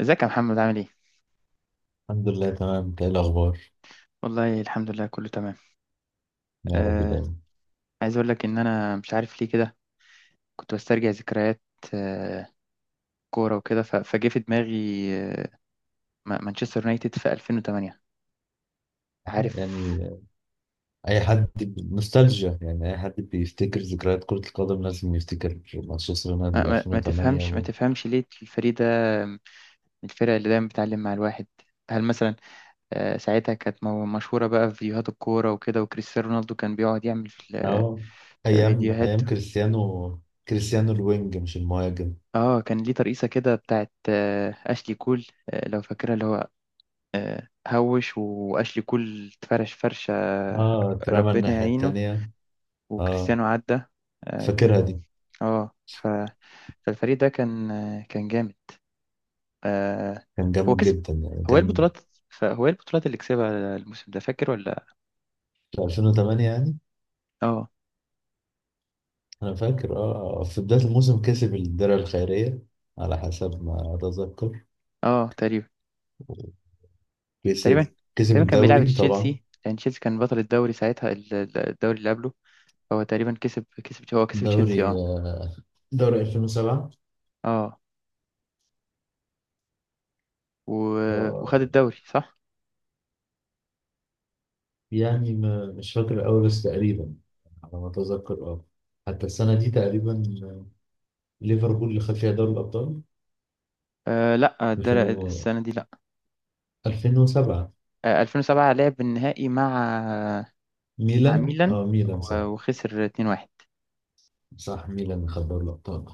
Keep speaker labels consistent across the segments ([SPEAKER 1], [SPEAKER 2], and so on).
[SPEAKER 1] ازيك يا محمد، عامل ايه؟
[SPEAKER 2] الحمد لله تمام. إنت ايه الاخبار؟
[SPEAKER 1] والله الحمد لله، كله تمام.
[SPEAKER 2] يا رب
[SPEAKER 1] آه.
[SPEAKER 2] دايما.
[SPEAKER 1] عايز اقول لك ان مش عارف ليه كده. كنت بسترجع ذكريات. آه. كوره وكده فجه في دماغي. آه. مانشستر يونايتد في 2008.
[SPEAKER 2] آه،
[SPEAKER 1] عارف؟
[SPEAKER 2] يعني اي حد نوستالجيا، يعني اي حد بيفتكر ذكريات كرة القدم لازم يفتكر مانشستر
[SPEAKER 1] ما,
[SPEAKER 2] يونايتد
[SPEAKER 1] ما, ما
[SPEAKER 2] 2008
[SPEAKER 1] تفهمش ما
[SPEAKER 2] و...
[SPEAKER 1] تفهمش ليه الفريق ده، من الفرق اللي دايما بتعلم مع الواحد. هل مثلا، آه، ساعتها كانت مشهوره بقى في فيديوهات الكوره وكده، وكريستيانو رونالدو كان بيقعد يعمل
[SPEAKER 2] اه، ايام
[SPEAKER 1] فيديوهات.
[SPEAKER 2] ايام كريستيانو. كريستيانو الوينج مش المهاجم.
[SPEAKER 1] اه، كان ليه ترقيصه كده بتاعت اشلي كول، لو فاكرها، اللي هو هوش واشلي كول اتفرش فرشه.
[SPEAKER 2] اه، اترمى
[SPEAKER 1] ربنا
[SPEAKER 2] الناحية
[SPEAKER 1] يعينه.
[SPEAKER 2] التانية. اه،
[SPEAKER 1] وكريستيانو عدى. كانت.
[SPEAKER 2] فاكرها دي.
[SPEAKER 1] اه فالفريق ده كان، كان جامد. آه،
[SPEAKER 2] كان
[SPEAKER 1] هو
[SPEAKER 2] جامد
[SPEAKER 1] كسب.
[SPEAKER 2] جدا يعني،
[SPEAKER 1] هو ايه
[SPEAKER 2] كان
[SPEAKER 1] البطولات؟ فهو ايه البطولات اللي كسبها الموسم ده، فاكر ولا؟
[SPEAKER 2] في 2008 يعني.
[SPEAKER 1] اه.
[SPEAKER 2] انا فاكر، اه في بداية الموسم كسب الدرع الخيرية على حسب ما اتذكر.
[SPEAKER 1] اه، تقريبا. تقريبا.
[SPEAKER 2] كسب كسب
[SPEAKER 1] تقريبا كان بيلعب
[SPEAKER 2] الدوري طبعا،
[SPEAKER 1] تشيلسي، لان تشيلسي كان بطل الدوري ساعتها الدوري اللي قبله. هو تقريبا كسب هو كسب تشيلسي،
[SPEAKER 2] دوري
[SPEAKER 1] اه.
[SPEAKER 2] دوري 2007.
[SPEAKER 1] اه و...
[SPEAKER 2] آه،
[SPEAKER 1] وخد الدوري، صح.
[SPEAKER 2] يعني مش فاكر أوي بس تقريبا، على ما أتذكر أه. حتى السنة دي تقريبا ليفربول اللي خد فيها دوري الأبطال
[SPEAKER 1] آه لا،
[SPEAKER 2] 2000
[SPEAKER 1] السنة دي لا.
[SPEAKER 2] 2007.
[SPEAKER 1] آه، 2007 لعب النهائي مع
[SPEAKER 2] ميلان،
[SPEAKER 1] ميلان.
[SPEAKER 2] ميلان صح.
[SPEAKER 1] وخسر 2-1.
[SPEAKER 2] صح، ميلان اللي خد دوري الأبطال.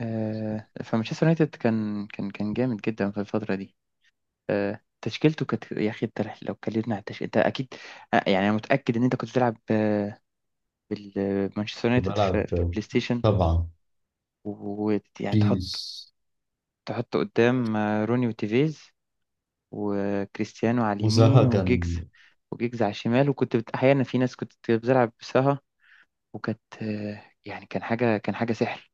[SPEAKER 1] آه، فمانشستر يونايتد كان جامد جدا في الفترة دي. آه، تشكيلته كانت، يا أخي أنت لو اتكلمنا على التشكيل أنت أكيد، آه، يعني أنا متأكد إن أنت كنت بتلعب مانشستر
[SPEAKER 2] كنت
[SPEAKER 1] يونايتد
[SPEAKER 2] بلعب
[SPEAKER 1] في البلاي ستيشن.
[SPEAKER 2] طبعا
[SPEAKER 1] ويعني
[SPEAKER 2] بيس،
[SPEAKER 1] تحط قدام روني وتيفيز، وكريستيانو على
[SPEAKER 2] وزها
[SPEAKER 1] اليمين، وجيجز
[SPEAKER 2] كان
[SPEAKER 1] وجيجز على الشمال. وكنت أحيانا في ناس كنت بتلعب بسها. وكانت، يعني كان حاجة سحر.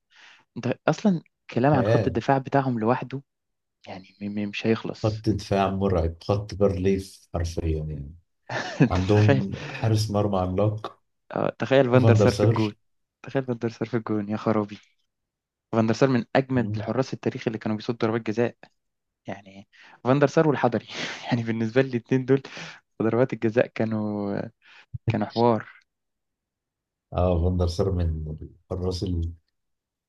[SPEAKER 1] انت اصلا، كلام عن خط
[SPEAKER 2] خيال.
[SPEAKER 1] الدفاع بتاعهم لوحده، يعني مش هيخلص.
[SPEAKER 2] خط دفاع مرعب، خط برليف حرفيا يعني.
[SPEAKER 1] انت تخيل!
[SPEAKER 2] عندهم حارس مرمى عملاق،
[SPEAKER 1] تخيل فاندر
[SPEAKER 2] فاندر
[SPEAKER 1] سار في
[SPEAKER 2] سار.
[SPEAKER 1] الجون. تخيل فاندر سار في الجون يا خرابي! فاندر سار من اجمد الحراس التاريخ اللي كانوا بيصدوا ضربات جزاء، يعني. فاندر سار والحضري، يعني بالنسبة لي الاتنين دول، ضربات الجزاء كانوا حوار.
[SPEAKER 2] اه، فاندر سار من الحراس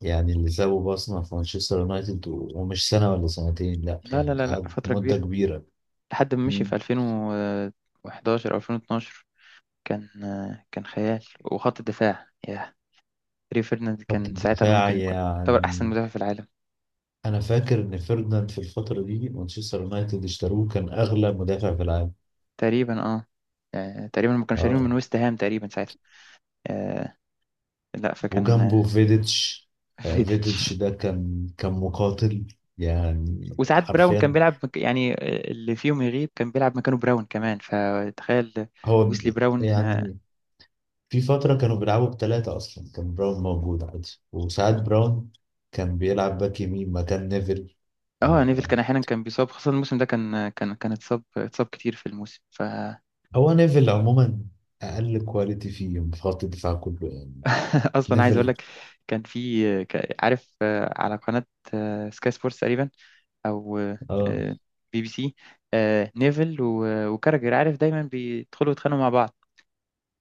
[SPEAKER 2] يعني اللي سابوا بصمة في مانشستر يونايتد، ومش سنة ولا سنتين لا،
[SPEAKER 1] لا، لا،
[SPEAKER 2] يعني
[SPEAKER 1] لا، لا،
[SPEAKER 2] قعد
[SPEAKER 1] فترة
[SPEAKER 2] مدة
[SPEAKER 1] كبيرة.
[SPEAKER 2] كبيرة.
[SPEAKER 1] لحد ما مشي
[SPEAKER 2] مم.
[SPEAKER 1] في 2011 او 2012. كان كان خيال. وخط الدفاع، ياه! ريو فيرديناند
[SPEAKER 2] خط
[SPEAKER 1] كان ساعتها
[SPEAKER 2] الدفاع
[SPEAKER 1] ممكن يكون يعتبر أحسن
[SPEAKER 2] يعني،
[SPEAKER 1] مدافع في العالم.
[SPEAKER 2] أنا فاكر إن فيرديناند في الفترة دي مانشستر يونايتد اشتروه، كان أغلى مدافع في العالم.
[SPEAKER 1] تقريبا، اه. آه، تقريبا ما كانوا شارينه من
[SPEAKER 2] اه،
[SPEAKER 1] ويست هام تقريبا ساعتها. آه، لا فكان،
[SPEAKER 2] وجنبه فيديتش. فيديتش
[SPEAKER 1] فيديتش.
[SPEAKER 2] ده كان مقاتل يعني،
[SPEAKER 1] وساعات براون كان
[SPEAKER 2] حرفيا.
[SPEAKER 1] بيلعب يعني، اللي فيهم يغيب كان بيلعب مكانه براون كمان، فتخيل.
[SPEAKER 2] هو
[SPEAKER 1] ويسلي براون، اه.
[SPEAKER 2] يعني في فترة كانوا بيلعبوا بثلاثة أصلا، كان براون موجود عادي، وساعات باك براون كان بيلعب باك يمين مكان نيفل.
[SPEAKER 1] نيفل
[SPEAKER 2] آه،
[SPEAKER 1] كان احيانا كان بيصاب، خاصة الموسم ده كان، كان اتصاب كتير في الموسم فاصلا.
[SPEAKER 2] هو نيفل عموما أقل كواليتي فيه في خط الدفاع كله يعني،
[SPEAKER 1] عايز اقول
[SPEAKER 2] نيفل.
[SPEAKER 1] لك، كان في عارف، على قناة سكاي سبورتس تقريبا، او
[SPEAKER 2] اه،
[SPEAKER 1] BBC، آه، نيفل وكاراجر، عارف، دايما بيدخلوا يتخانقوا مع بعض.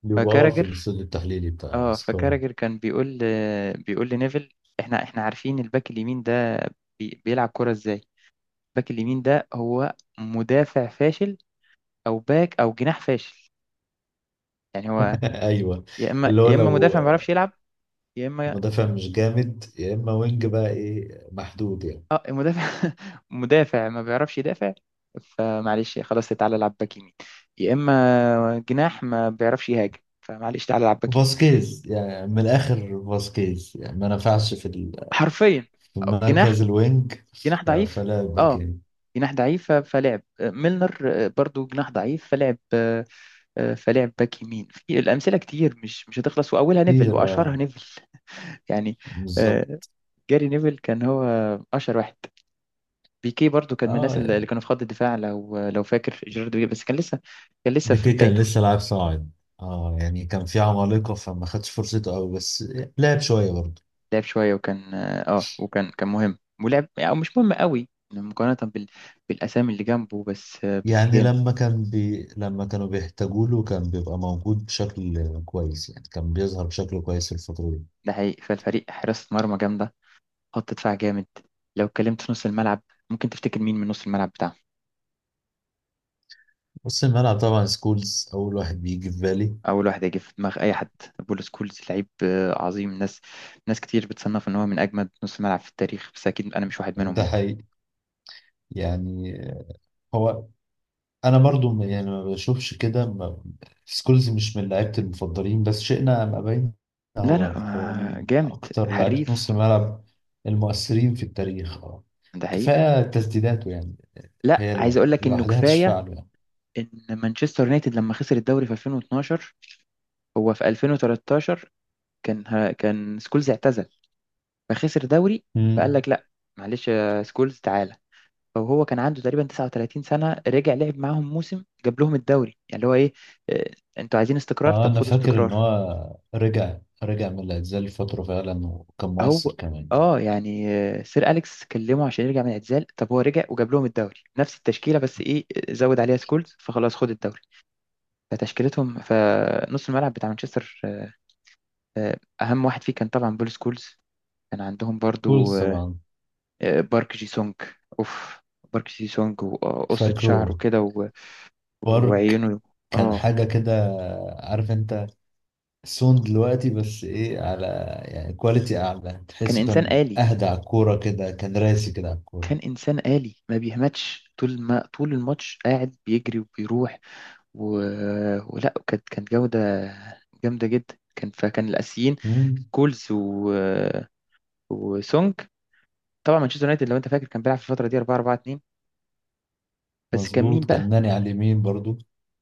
[SPEAKER 2] بيبقى في
[SPEAKER 1] فكاراجر
[SPEAKER 2] الاستوديو التحليلي بتاع
[SPEAKER 1] اه
[SPEAKER 2] سكاي.
[SPEAKER 1] فكاراجر كان بيقول لنيفل، احنا عارفين الباك اليمين ده بيلعب كرة ازاي. الباك اليمين ده هو مدافع فاشل، او باك او جناح فاشل. يعني هو
[SPEAKER 2] ايوه.
[SPEAKER 1] يا اما
[SPEAKER 2] اللي هو
[SPEAKER 1] يا اما
[SPEAKER 2] لو
[SPEAKER 1] مدافع ما بيعرفش يلعب، يا اما،
[SPEAKER 2] مدافع مش جامد يا اما وينج بقى ايه، محدود يعني.
[SPEAKER 1] اه المدافع، مدافع ما بيعرفش يدافع، فمعلش خلاص تعالى العب باك يمين. يا اما جناح ما بيعرفش يهاجم، فمعلش تعالى العب باك يمين.
[SPEAKER 2] فاسكيز يعني، من الاخر فاسكيز يعني ما نفعش في
[SPEAKER 1] حرفيا.
[SPEAKER 2] في
[SPEAKER 1] جناح.
[SPEAKER 2] مركز الوينج.
[SPEAKER 1] جناح ضعيف.
[SPEAKER 2] فلا باك.
[SPEAKER 1] اه، جناح ضعيف فلعب ميلنر، برضو جناح ضعيف، فلعب فلعب باك يمين. في الامثله كتير، مش هتخلص، واولها نيفل،
[SPEAKER 2] كتير،
[SPEAKER 1] واشهرها
[SPEAKER 2] اه.
[SPEAKER 1] نيفل. يعني، آه،
[SPEAKER 2] بالظبط،
[SPEAKER 1] جاري نيفل كان هو اشهر واحد. بيكي برضو كان من
[SPEAKER 2] اه.
[SPEAKER 1] الناس اللي
[SPEAKER 2] يعني
[SPEAKER 1] كانوا في خط الدفاع، لو فاكر، جيرارد بيكي، بس كان لسه في
[SPEAKER 2] بيكي كان
[SPEAKER 1] بدايته.
[SPEAKER 2] لسه لاعب صاعد، اه. يعني كان في عمالقة فما خدش فرصته قوي بس لعب شوية برضه.
[SPEAKER 1] لعب شوية، وكان اه آه، وكان كان مهم ولعب، او مش مهم قوي، مقارنة بالاسامي اللي جنبه، بس بس
[SPEAKER 2] يعني
[SPEAKER 1] جامد.
[SPEAKER 2] لما كانوا بيحتاجوا له كان بيبقى موجود بشكل كويس، يعني كان بيظهر بشكل كويس في الفترة دي.
[SPEAKER 1] ده حقيقي. فالفريق، حراسة مرمى جامدة، خط دفاع جامد. لو اتكلمت في نص الملعب، ممكن تفتكر مين من نص الملعب بتاعهم؟
[SPEAKER 2] بص الملعب طبعا، سكولز أول واحد بيجي في بالي.
[SPEAKER 1] اول واحد هيجي في دماغ اي حد، بول سكولز، لعيب عظيم. ناس، ناس كتير بتصنف ان هو من اجمد نص ملعب في التاريخ، بس اكيد انا مش واحد منهم،
[SPEAKER 2] ده
[SPEAKER 1] يعني.
[SPEAKER 2] حقيقي يعني. هو، انا برضو يعني ما بشوفش كده، سكولز مش من لعيبتي المفضلين، بس شئنا ام ابينا
[SPEAKER 1] لا،
[SPEAKER 2] هو
[SPEAKER 1] لا،
[SPEAKER 2] هو من
[SPEAKER 1] جامد،
[SPEAKER 2] اكتر لعيبه نص
[SPEAKER 1] حريف.
[SPEAKER 2] الملعب المؤثرين في التاريخ، اه.
[SPEAKER 1] ده حقيقي.
[SPEAKER 2] كفايه تسديداته يعني،
[SPEAKER 1] لا
[SPEAKER 2] هي
[SPEAKER 1] عايز اقول لك انه
[SPEAKER 2] لوحدها تشفع
[SPEAKER 1] كفايه
[SPEAKER 2] له يعني.
[SPEAKER 1] ان مانشستر يونايتد لما خسر الدوري في 2012، هو في 2013 كان سكولز اعتزل، فخسر دوري. فقال
[SPEAKER 2] مم.
[SPEAKER 1] لك لا، معلش يا سكولز تعالى. فهو كان عنده تقريبا 39 سنه، رجع لعب معاهم موسم، جاب لهم الدوري، يعني اللي هو ايه، آه، انتوا عايزين استقرار،
[SPEAKER 2] اه
[SPEAKER 1] طب
[SPEAKER 2] انا
[SPEAKER 1] خدوا
[SPEAKER 2] فاكر ان
[SPEAKER 1] استقرار.
[SPEAKER 2] هو رجع رجع من الاعتزال لفتره فعلا، وكان مؤثر
[SPEAKER 1] هو،
[SPEAKER 2] كمان يعني.
[SPEAKER 1] اه، يعني سير اليكس كلمه عشان يرجع من الاعتزال، طب هو رجع وجاب لهم الدوري نفس التشكيله، بس ايه، زود عليها سكولز، فخلاص خد الدوري. فتشكيلتهم، فنص الملعب بتاع مانشستر، آه، اهم واحد فيه كان طبعا بول سكولز. كان عندهم برضو
[SPEAKER 2] سكولز طبعا.
[SPEAKER 1] بارك جي سونج. اوف! بارك جي سونج وقصة شعره
[SPEAKER 2] فاكره.
[SPEAKER 1] كده
[SPEAKER 2] بارك،
[SPEAKER 1] وعيونه،
[SPEAKER 2] كان
[SPEAKER 1] اه.
[SPEAKER 2] حاجه كده. عارف انت. سون دلوقتي بس ايه، على يعني كواليتي اعلى،
[SPEAKER 1] كان
[SPEAKER 2] تحسه
[SPEAKER 1] انسان
[SPEAKER 2] كان
[SPEAKER 1] آلي.
[SPEAKER 2] اهدى على الكوره كده، كان راسي كده على الكوره.
[SPEAKER 1] كان انسان آلي ما بيهمتش، طول ما طول الماتش قاعد بيجري وبيروح و... ولا كانت، كانت جودة جامدة جدا. كان الاسيين
[SPEAKER 2] مم،
[SPEAKER 1] كولز وسونج. طبعا مانشستر يونايتد، لو انت فاكر، كان بيلعب في الفترة دي 4 4 2. بس كان مين
[SPEAKER 2] مظبوط. كان
[SPEAKER 1] بقى؟
[SPEAKER 2] ناني على اليمين برضو،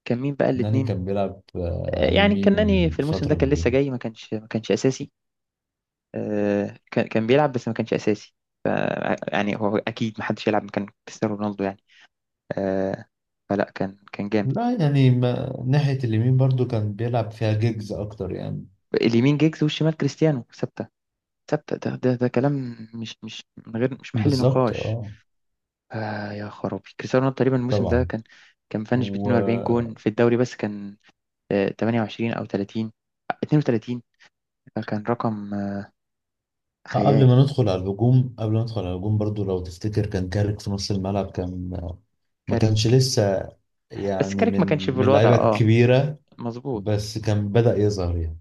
[SPEAKER 2] ناني
[SPEAKER 1] الاتنين
[SPEAKER 2] كان بيلعب
[SPEAKER 1] آه،
[SPEAKER 2] على
[SPEAKER 1] يعني
[SPEAKER 2] اليمين
[SPEAKER 1] الكناني في الموسم ده
[SPEAKER 2] فتره
[SPEAKER 1] كان لسه
[SPEAKER 2] كبيره.
[SPEAKER 1] جاي، ما كانش اساسي. آه، كان بيلعب بس ما كانش اساسي. ف يعني هو اكيد ما حدش يلعب مكان كريستيانو رونالدو، يعني. آه، فلا كان جامد.
[SPEAKER 2] لا يعني، ما ناحيه اليمين برضو كان بيلعب فيها جيجز اكتر يعني.
[SPEAKER 1] اليمين جيجز، والشمال كريستيانو ثابته. ثابته، ده كلام مش مش من غير مش محل
[SPEAKER 2] بالظبط،
[SPEAKER 1] نقاش.
[SPEAKER 2] اه.
[SPEAKER 1] آه، يا خرابي، كريستيانو رونالدو تقريبا الموسم ده
[SPEAKER 2] طبعا.
[SPEAKER 1] كان، كان مفنش ب
[SPEAKER 2] و
[SPEAKER 1] 42 جون في الدوري، بس كان 28 او 30، 32. فكان رقم
[SPEAKER 2] آه،
[SPEAKER 1] خيال.
[SPEAKER 2] قبل ما ندخل على الهجوم برضو لو تفتكر كان كارك في نص الملعب كان آه، ما كانش لسه،
[SPEAKER 1] بس
[SPEAKER 2] يعني
[SPEAKER 1] كاريك ما
[SPEAKER 2] من
[SPEAKER 1] كانش في
[SPEAKER 2] من
[SPEAKER 1] الوضع،
[SPEAKER 2] اللعيبه
[SPEAKER 1] اه.
[SPEAKER 2] الكبيره،
[SPEAKER 1] مظبوط.
[SPEAKER 2] بس كان بدأ يظهر يعني.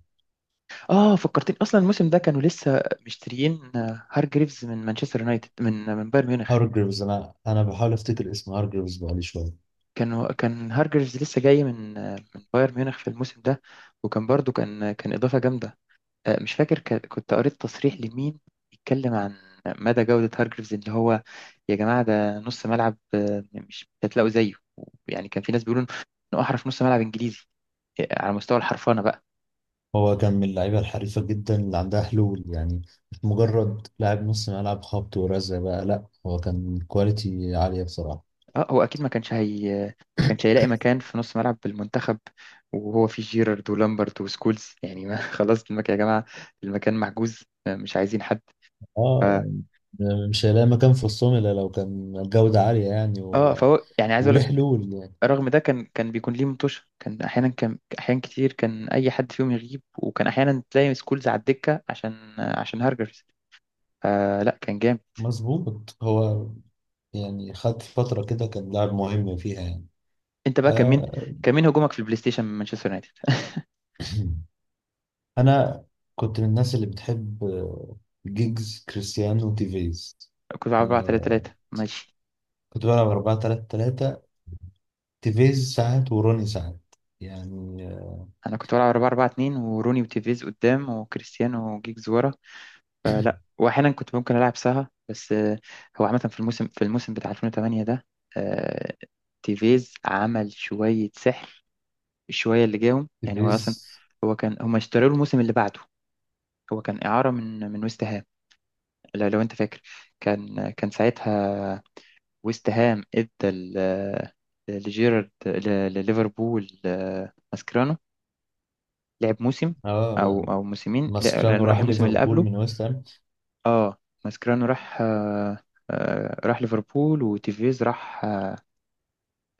[SPEAKER 1] اه، فكرتني اصلا الموسم ده كانوا لسه مشتريين هارجريفز من مانشستر يونايتد من بايرن ميونخ.
[SPEAKER 2] هارجريفز، انا بحاول افتكر اسم هارجريفز بقالي شويه.
[SPEAKER 1] كان هارجريفز لسه جاي من بايرن ميونخ في الموسم ده. وكان برضو كان اضافه جامده. آه، مش فاكر، كنت قريت تصريح لمين يتكلم عن مدى جوده هارجريفز، اللي هو، يا جماعه ده نص ملعب مش هتلاقوا زيه، يعني. كان في ناس بيقولوا انه احرف نص ملعب انجليزي، على مستوى الحرفنه بقى.
[SPEAKER 2] هو كان من اللعيبه الحريفه جدا اللي عندها حلول يعني، مش مجرد لاعب نص ملعب خبط ورزع بقى، لا هو كان كواليتي عاليه بصراحه.
[SPEAKER 1] اه هو اكيد ما كانش هيلاقي مكان في نص ملعب بالمنتخب، وهو فيه جيرارد ولامبرت وسكولز، يعني ما خلاص المكان يا جماعه، المكان محجوز مش عايزين حد. ف...
[SPEAKER 2] اه، يعني مش هيلاقي مكان في وسطهم الا لو كان الجوده عاليه يعني،
[SPEAKER 1] اه
[SPEAKER 2] و...
[SPEAKER 1] فهو، يعني عايز اقول
[SPEAKER 2] وليه
[SPEAKER 1] لك،
[SPEAKER 2] حلول يعني.
[SPEAKER 1] رغم ده كان بيكون ليه مطوشه، كان احيانا، كان احيان كتير، كان اي حد فيهم يغيب وكان احيانا تلاقي سكولز على الدكه عشان هارجرز آه، لا كان جامد.
[SPEAKER 2] مظبوط. هو يعني خد فتره كده كان لاعب مهم فيها يعني.
[SPEAKER 1] انت بقى، كان مين
[SPEAKER 2] آه
[SPEAKER 1] كان مين هجومك في البلاي ستيشن من مانشستر يونايتد؟
[SPEAKER 2] انا كنت من الناس اللي بتحب جيجز كريستيانو تيفيز،
[SPEAKER 1] كنت 4 3
[SPEAKER 2] آه،
[SPEAKER 1] 3 ماشي.
[SPEAKER 2] كنت بلعب 4 3 3، تيفيز ساعات وروني ساعات يعني
[SPEAKER 1] انا كنت بلعب 4 4 2، وروني وتيفيز قدام، وكريستيانو وجيجز ورا. فلا، واحيانا كنت ممكن العب سها، بس هو عامه، في الموسم، بتاع 2008 ده، آه، تيفيز عمل شويه سحر، الشويه اللي جاهم، يعني هو
[SPEAKER 2] تيفيز،
[SPEAKER 1] اصلا هو كان، هم اشتروا له الموسم اللي بعده، هو كان اعاره من ويست هام، لو انت فاكر، كان ساعتها ويست هام ادى لجيرارد، لليفربول ماسكرانو. لعب موسم، او
[SPEAKER 2] اه.
[SPEAKER 1] او موسمين،
[SPEAKER 2] ماسكرانو
[SPEAKER 1] لانه راح
[SPEAKER 2] راح
[SPEAKER 1] الموسم اللي
[SPEAKER 2] ليفربول
[SPEAKER 1] قبله.
[SPEAKER 2] من ويست هام،
[SPEAKER 1] اه، ماسكرانو راح، راح ليفربول، وتيفيز راح آه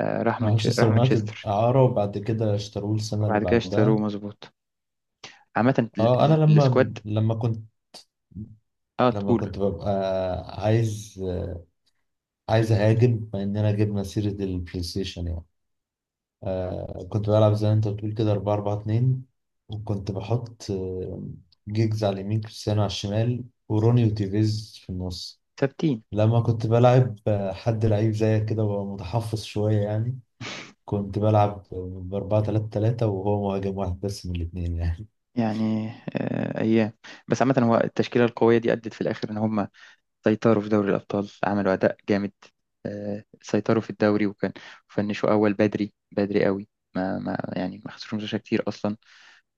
[SPEAKER 1] آه، راح
[SPEAKER 2] راح مانشستر
[SPEAKER 1] راح
[SPEAKER 2] يونايتد
[SPEAKER 1] مانشستر،
[SPEAKER 2] اعاره وبعد كده اشتروه السنه اللي
[SPEAKER 1] وبعد كده اشتروه،
[SPEAKER 2] بعدها.
[SPEAKER 1] مظبوط. عامة
[SPEAKER 2] اه انا لما
[SPEAKER 1] السكواد،
[SPEAKER 2] لما كنت،
[SPEAKER 1] اه
[SPEAKER 2] لما
[SPEAKER 1] تقول،
[SPEAKER 2] كنت ببقى عايز آه، عايز اهاجم، مع اننا جبنا سيره البلاي ستيشن يعني. كنت بلعب زي ما انت بتقول كده 4 4 2، وكنت بحط جيجز على اليمين، كريستيانو على الشمال، وروني وتيفيز في النص.
[SPEAKER 1] ثابتين،
[SPEAKER 2] لما كنت بلعب حد لعيب زيك كده وهو متحفظ شوية يعني، كنت بلعب ب 4 3 3 وهو مهاجم واحد بس من الاثنين يعني.
[SPEAKER 1] يعني آه ايام. بس عامة هو التشكيلة القوية دي أدت في الآخر إن هم سيطروا في دوري الأبطال، عملوا أداء جامد. آه، سيطروا في الدوري وكان، فنشوا أول، بدري بدري قوي، ما ما يعني ما خسروش ماتشات كتير أصلا.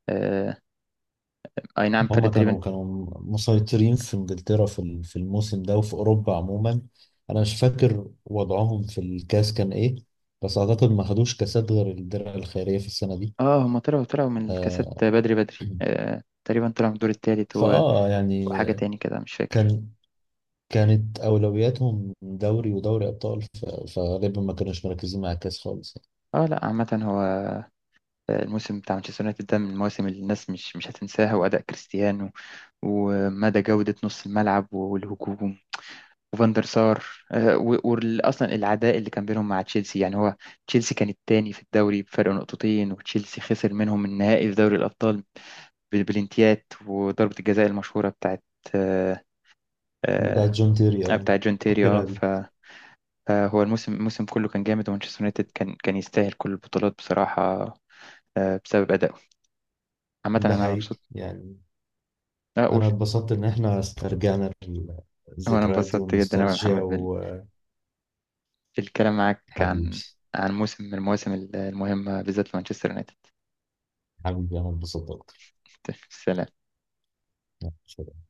[SPEAKER 1] آه، اي نعم، فرق
[SPEAKER 2] هما
[SPEAKER 1] تقريبا.
[SPEAKER 2] كانوا مسيطرين في انجلترا في في الموسم ده وفي اوروبا عموما. انا مش فاكر وضعهم في الكاس كان ايه، بس اعتقد ما خدوش كاسات غير الدرع الخيرية في السنة دي.
[SPEAKER 1] اه هم طلعوا من الكاسات
[SPEAKER 2] آه،
[SPEAKER 1] بدري بدري، آه تقريبا طلعوا من الدور التالت،
[SPEAKER 2] يعني
[SPEAKER 1] وحاجة تاني كده مش فاكر.
[SPEAKER 2] كان كانت اولوياتهم دوري ودوري ابطال فغالبا ما كانوش مركزين مع الكاس خالص يعني.
[SPEAKER 1] اه لا، عامة هو الموسم بتاع مانشستر يونايتد ده من المواسم اللي الناس مش هتنساها، وأداء كريستيانو، ومدى جودة نص الملعب والهجوم، وفاندر سار، وأصلا العداء اللي كان بينهم مع تشيلسي. يعني هو، تشيلسي كان التاني في الدوري بفرق نقطتين، وتشيلسي خسر منهم النهائي في دوري الأبطال بالبلنتيات، وضربة الجزاء المشهورة بتاعت آه،
[SPEAKER 2] بتاعت
[SPEAKER 1] آه،
[SPEAKER 2] جون تيري، اه
[SPEAKER 1] بتاع جون تيري، اه
[SPEAKER 2] فاكرها دي.
[SPEAKER 1] فهو الموسم، الموسم كله كان جامد، ومانشستر يونايتد كان يستاهل كل البطولات بصراحة، بسبب أدائه. عامة
[SPEAKER 2] ده
[SPEAKER 1] أنا
[SPEAKER 2] حقيقي
[SPEAKER 1] مبسوط.
[SPEAKER 2] يعني،
[SPEAKER 1] أقول
[SPEAKER 2] انا اتبسطت ان احنا استرجعنا
[SPEAKER 1] هو، أنا
[SPEAKER 2] الذكريات دي
[SPEAKER 1] انبسطت جدا أوي يا
[SPEAKER 2] والنوستالجيا.
[SPEAKER 1] محمد بالكلام معاك
[SPEAKER 2] وحبيبي،
[SPEAKER 1] عن موسم من المواسم المهمة بالذات لمانشستر يونايتد.
[SPEAKER 2] حبيبي انا اتبسطت
[SPEAKER 1] سلام.
[SPEAKER 2] اكتر.